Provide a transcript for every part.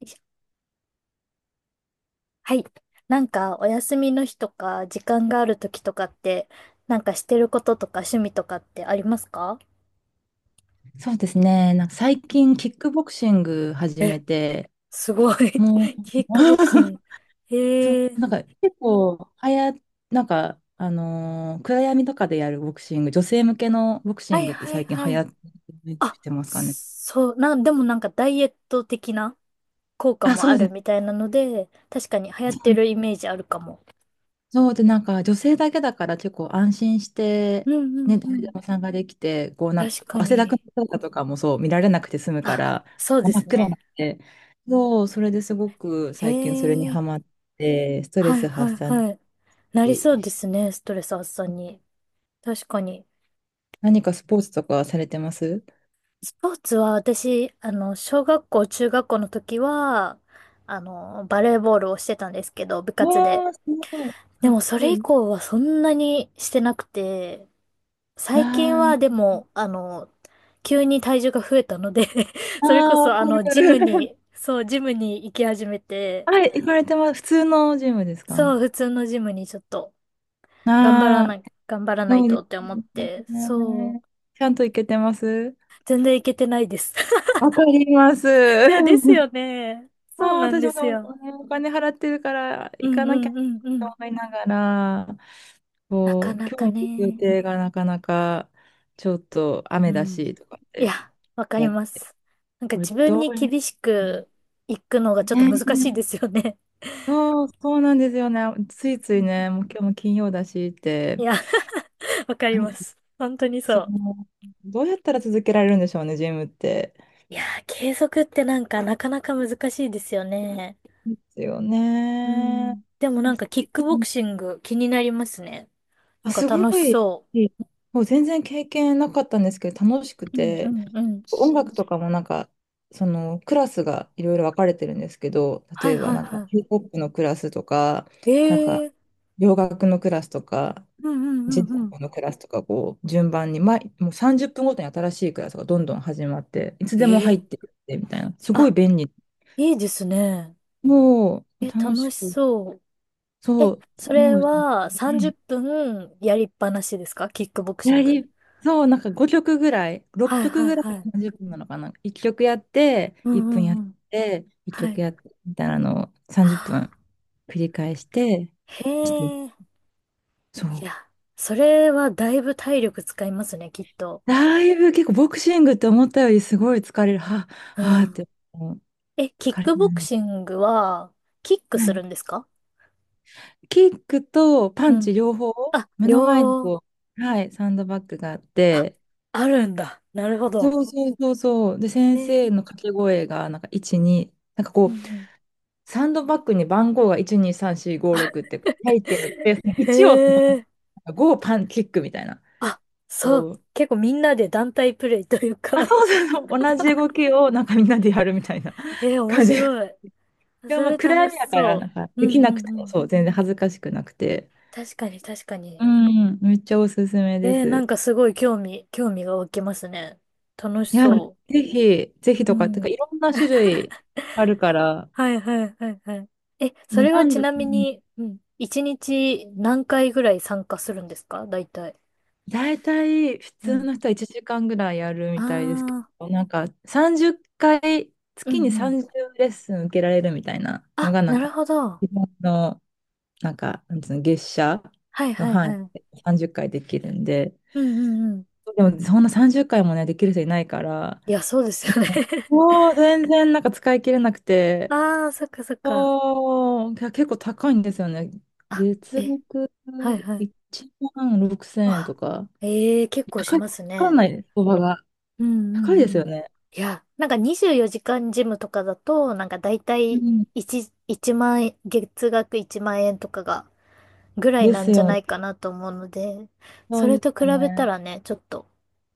いしょはい。なんか、お休みの日とか、時間がある時とかって、なんかしてることとか趣味とかってありますか？そうですね。なんか最近、キックボクシング始めえ、て、すごい。も う、キックボクシング。そう、へえ。なんか結構、なんか、暗闇とかでやるボクシング、女性向けのボクシはンいグってはい最近は流行い。っあ、てますかね。でもなんかダイエット的な効果あ、もそあうでるみす。たいなので、確かに流行ってるイメージあるかも。そうで、なんか女性だけだから結構安心しうて、んうんね、う誰でん。も参加できて、こうなん確かこかう汗だくのに。姿とかもそう見られなくて済むかあ、ら、そうで真っす暗なね。んで、そう、それですごくへ最近それにえ。ハマって、ストレはいスは発い散はい。なりそうに、ですね、ストレス発散に。確かに。何かスポーツとかされてます？スポーツは私、小学校、中学校の時は、バレーボールをしてたんですけど、部活で。わあ、すごい。かでっもそこれ以いい。降はそんなにしてなくて、あ最近はでーも、急に体重が増えたので あそれこー、わそあかの、る。ジムに行き始めて、はい、行かれてます。普通のジムですか？そう、普通のジムにちょっと、ああー、頑張らなそいうでとってす思って、そう、ね。ちゃんと行けてます？全然行けてないです わかります。え、です よね。もうそうなん私ですもよ。お金払ってるからう行んかなきうゃんうんうとん。思いながら、なかこう、なか今日の予ね。定がなかなかちょっとう雨だん。しとかっいてや、わかやりっまて、す。なんかこれ自分どにうね、厳しくいくのがちょっと難しいですよね。そう、そうなんですよね。ついうついん。ね、もう今日も金曜だしって、いや、わかはりい、ます。本当にそそう。の、どうやったら続けられるんでしょうね、ジムって。いやー、継続ってなんかなかなか難しいですよね。ですようね。ん。でもなんかキックボクシング気になりますね。あ、なんかすご楽しい、そもう全然経験なかったんですけど、楽しくう。うんうて、んうん。音楽とかもなんか、そのクラスがいろいろ分かれてるんですけど、例はいえばはいなんかはヒップホップのクラスとか、い。なんえかえー。洋楽のクラスとか、うんうジんェンうんうん。ポのクラスとか、こう、順番に、もう30分ごとに新しいクラスがどんどん始まって、いつでもえ入っえ。てくってみたいな、すごいあ、便利。いいですね。もうえ、楽し楽しく、そう。そえ、う、すそれごい。はは30い、分やりっぱなしですかキックボクシやング。り、そう、なんか5曲ぐらい、は6い曲はいぐらいはい。30分なのかな。1曲やって、う1ん分やうんうっん。て、1は曲い。やって、みたいなのをは30分あ。繰り返して、へちょっと、え。そいう。や、それはだいぶ体力使いますね、きっと。だいぶ結構ボクシングって思ったよりすごい疲れる。はうあ、はあっん。て、もうえ、キ疲ッれクてるボんクです。シングは、キックはすい。るんですか？キックとパうンチん。両方、あ、目の前に両、こう、はい、サンドバッグがあっあ、て、あるんだ。なるほそど。うそうそうそう。で、へ先生え。の掛け声が、なんか1、2、なんかこうんうう、ん。サンドバッグに番号が1、2、3、4、5、6って書いてあって、へ1をえ。5をパンキックみたいな。あ、そう。こう結構みんなで団体プレイというあ、か。 そうそうそう、同じ動きをなんかみんなでやるみたいな え面感じ。白い。でもそまあれ暗楽し闇だから、そなんかう。うできんうなくてんうもん。そう、全然恥ずかしくなくて。確かに確かうに。ん、めっちゃおすすめでえー、なんす。かすごい興味、興味が湧きますね。楽しいや、そぜひ、ぜう。ひうとか、てかん。いろんな種類あるから、はいはいはいはい。え、そね、れは男ち女、なみに、うん。一日何回ぐらい参加するんですか大体。大体普う通ん。の人は1時間ぐらいやるあみたいですけあ、ど、なんか30回、う月にんうん。30レッスン受けられるみたいなのあ、が、ななんるかほど。自分の、なんか、なんつうの、月謝はいのはい範はい。囲うんで30回できるんで、うんうん。でもそんな30回もね、できる人いないから、いや、そうですよね。 もう全然なんか使い切れなく て、ああ、そっかそっか。そうけ結構高いんですよね。あ、月え、額はいはい。1万6000円あ、とか、ええ結構し高い、まわすかんね。ないです、相場が。うんう高いんでうすよん。ね。いや、なんか24時間ジムとかだと、なんかだ大ういん。1、1万円、月額1万円とかがぐらいでなすんじゃよなね。いかなと思うので、そそうれですと比よべたね。らね、ちょっと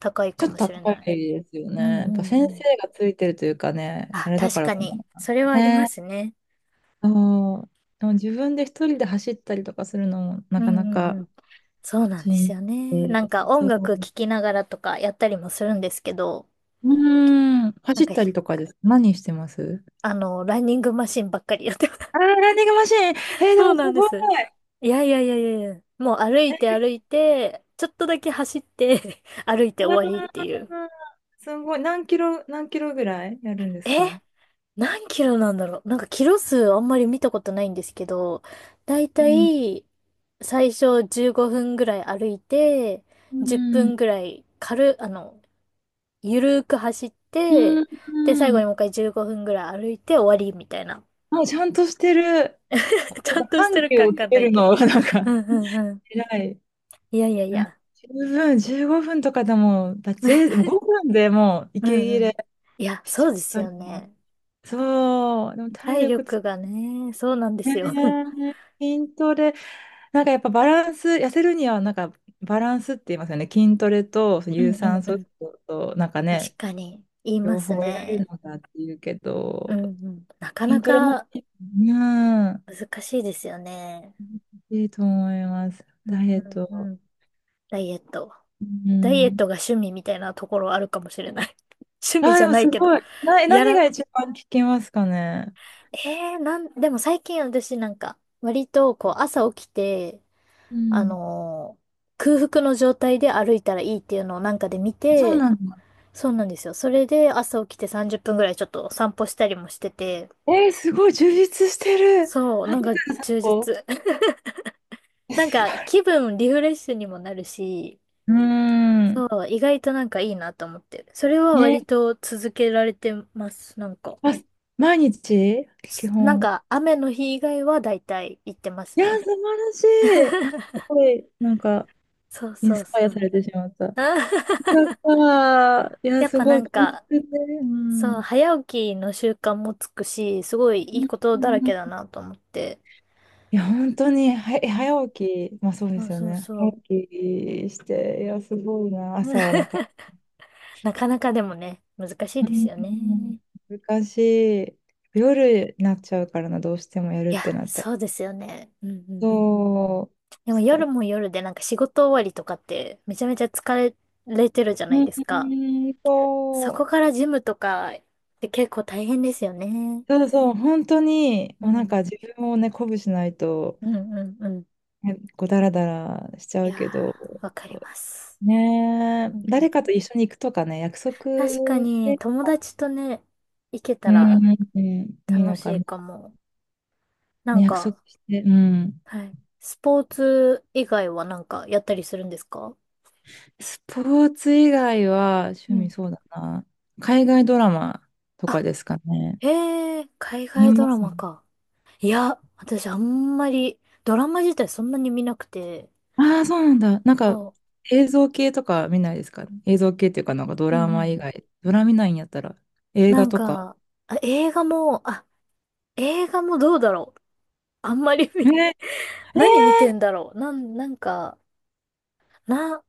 高いかちょっもとしれ高ない。いですよね。うんうやっんうぱ先ん。生がついてるというかね、ああ、れだか確らかかに。な。それはありますね。ね。そう。でも自分で一人で走ったりとかするのもうなかなんうんかうん。そうなんでしすんよね。どい。なんか音そう。楽聴きながらとかやったりもするんですけど、うーん。なん走っか、たりとかです？何してます？ランニングマシンばっかりやって。あー、ランニングマシーン。えー、でそうもすなんでごい。す。いやいやいやいやいや。もう歩いて歩いて、ちょっとだけ走って 歩いてうわー終わりっていう。すごい。何キロぐらいやるんですえ、か？う何キロなんだろう、なんかキロ数あんまり見たことないんですけど、だいたん。い最初15分ぐらい歩いて、う10ん。分ぐらい軽、あの、ゆるーく走っうて、で、最後にん。もう一回15分ぐらい歩いて終わりみたいな。あ、ちゃんとしてる。ちこゃんうとして緩る急かわをつかんなけいるけのど。がなんうかんうんうん。偉い。いやいやいあや。十分、15分とかでも、5分でもうう息切んうれん。いや、しちそうゃでうすから。よね。そう、でも体体力つ力け、がね、そうなんでねすよ。え、筋トレ、なんかやっぱバランス、痩せるにはなんかバランスって言いますよね。筋トレとう有んうん酸う素運ん。動と、なんかね、確かに、言いま両す方やるね。のかっていうけうんど、うん。なかな筋トレも、かうん、難しいですよね。いいと思います。うダんイエッうんト。うん。ダイエット。うダイエッん。トが趣味みたいなところあるかもしれない。趣味あじでゃもないすけど。ごい。や何ら、が一番聞きますかね。えー、なん、でも最近私なんか、割とこう朝起きて、うあん。のー空腹の状態で歩いたらいいっていうのをなんかで見そうて、なんだ。そうなんですよ。それで朝起きて30分ぐらいちょっと散歩したりもしてて、えー、すごい充実してる。そう、なんか充実。お、なんすごかい。気分リフレッシュにもなるし、うそん。う、意外となんかいいなと思って。それはね。割と続けられてます、なんか。ま毎日基なん本。か雨の日以外は大体行ってますいや、ね。素晴らしい。す ごい、なんか、そうインそうスパイそアさう。れてしまった。あ。 よかった。い や、やっすぱなごい、ん充か、実で。うそう、ん。早起きの習慣もつくし、すごいういんいことうだらけだん、なと思って。いや、本当に、うん。早起き、まあそうでそうすよそうね。そ早う。起きして、いや、すごいな。朝、なんか、なかなかでもね、難しいうですん、よね。難しい。夜になっちゃうからな、どうしてもやるいっや、てなったら。そうですよね。うんうんうん。そう、でも難夜しい。も夜でなんか仕事終わりとかってめちゃめちゃ疲れてるじゃないうですか。ん、そそこう。からジムとかって結構大変ですよね。そうそう、本当に、うもうなんん。か自分をね、鼓舞しないと、うんうんうん。ね、こう、だらだらしちゃいうやけど、ー、わかります。ねうえ、んうん、誰かと一緒に行くとかね、約束確かしにて、友達とね、行けうたん、うらん、うん、いい楽のしかいな。かも。なんね、約束か、して、うん。はい。スポーツ以外はなんかやったりするんですか？スポーツ以外はう趣ん。味そうだな。海外ドラマとあ、かですかね。へえ、海見外ドまラすね。マか。いや、私あんまり、ドラマ自体そんなに見なくて、ああ、そうなんだ。なんかそ映像系とか見ないですか？映像系っていうか、なんかドう。うラんうんうマ以ん。外。ドラマ見ないんやったら映な画んとか。か、あ、映画も、あ、映画もどうだろう。あんまりえー、見、え何見てんだろう。なん、なんか、な、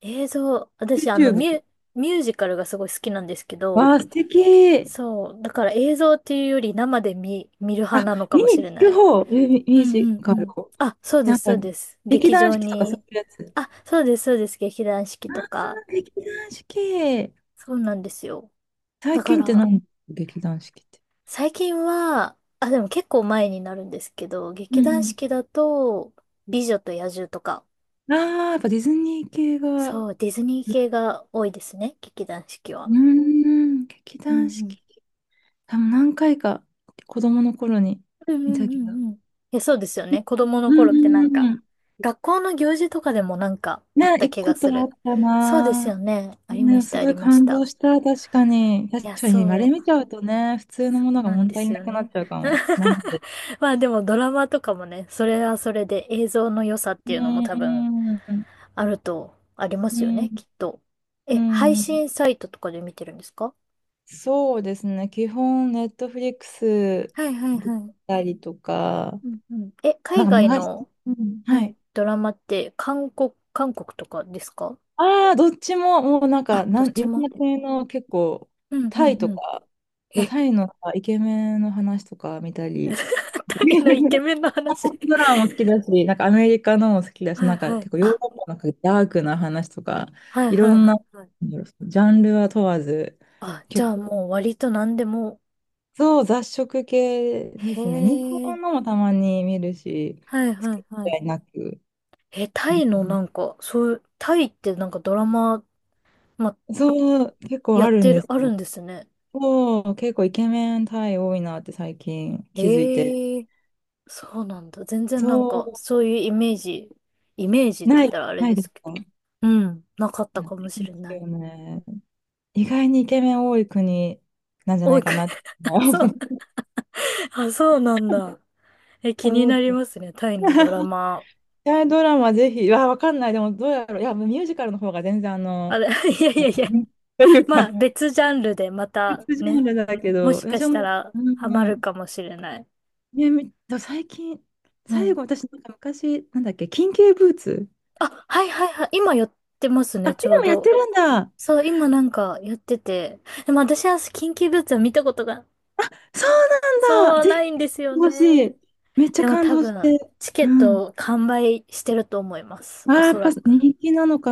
映像、ー、私あの、ミ YouTube。ュ、ミュージカルがすごい好きなんですけわど、あ、素敵。そう。だから映像っていうより生で見、見る派あ、なのか見もしにれ行なくい。方。ミうューんうジんうカル。ん。あ、そうでなんす、かそうです。劇劇団場四季とかそに。ういうやつ。あ、そうです、そうです。劇団四季あとあ、か。劇団四季。そうなんですよ。だ最か近ってら、何？劇団四季って。最近は、あ、でも結構前になるんですけど、うん劇う団ん、四季だと、美女と野獣とか。ああ、やっぱディズニー系が、そうう、ディズニー系が多いですね、劇団四季ーは。ん、劇う団四ん季。多分何回か子供の頃にうん。見うんうたんうけど。んうん。いや、そうですよね。子供のうん頃ってなうんんうか、ん。学校の行事とかでもなんかあっね、た行く気がことすあっる。たそうですな。よね。ありまね、した、すあごりいまし感動た。した、確かに。い確や、かに、あれそ見ちう。ゃうとね、普通のそもうのがな物んで足りすなよくなっね。ちゃうかも。なんで。まあでもドラマとかもね、それはそれで映像の良さっうていうのも多分ん、うん、あると、ありまうすよね、ん、きっと。え、配ん。信サイトとかで見てるんですか？そうですね、基本、ネットフリックスはいはいだっはい。たりとか、うんうん。え、海なん外か流し、の、うん、ははい、い。ドラマって韓国とかですか？ああ、どっちも、もうなんあ、か、どっいちろんも。な国の結構、うんうタんイとうん。か、え、タイのイケメンの話とか見たり、大のイケ メンの話。韓国ドラマも好きだし、なんかアメリカのも好きだし、はいなんかはい。結構ヨーロあ、ッパのなんかダークな話とか、はいいはろいんな、はいはい。なんだろうジャンルは問わず、あ、じ結ゃあ構、もう割と何でも。そう、雑食系でへすね。日え。本のもたまに見るし、はい好はいきはい。嫌いなく、え、タイのなんか、そういう、タイってなんかドラマ、ま、そう、結構やあっるてんでる、すあるよ。んですね。そう、結構イケメンタイ多いなって最近気づいて。ええ。そうなんだ。全然なんか、そそういうイメージ、イメージう、って言ったらあれなでいですすけか？ど。うん、なかったなかもいしでれすない。よね。意外にイケメン多い国なん じゃなおい、いかなって そう、あ、そうなんだ。え、気に思っなて。りますね、タイのドラ マ。恋愛ドラマぜひ、わかんない。でもどうやろう。いや、ミュージカルの方が全然ああの、れ、いやいやいや、というまあか、別ジャンルでま た別ジャンね、ルだけもど、しか私したも、らうハマるかん、もしれない。ね、最近、う最ん。後、私、なんか昔、なんだっけ、緊急ブーツ。あ、はいはいはい。今やってますあ、ね、ちょ今うもやってど。るんだ。そう、今なんかやってて。でも私は緊急ブーツは見たことが、そうなんだ。そう、ぜなひ、いんですよ欲しね。い。めっちゃでも感多動し分、て。チケうッん。ト完売してると思います。ああ、おやそっぱらく。人気なのか。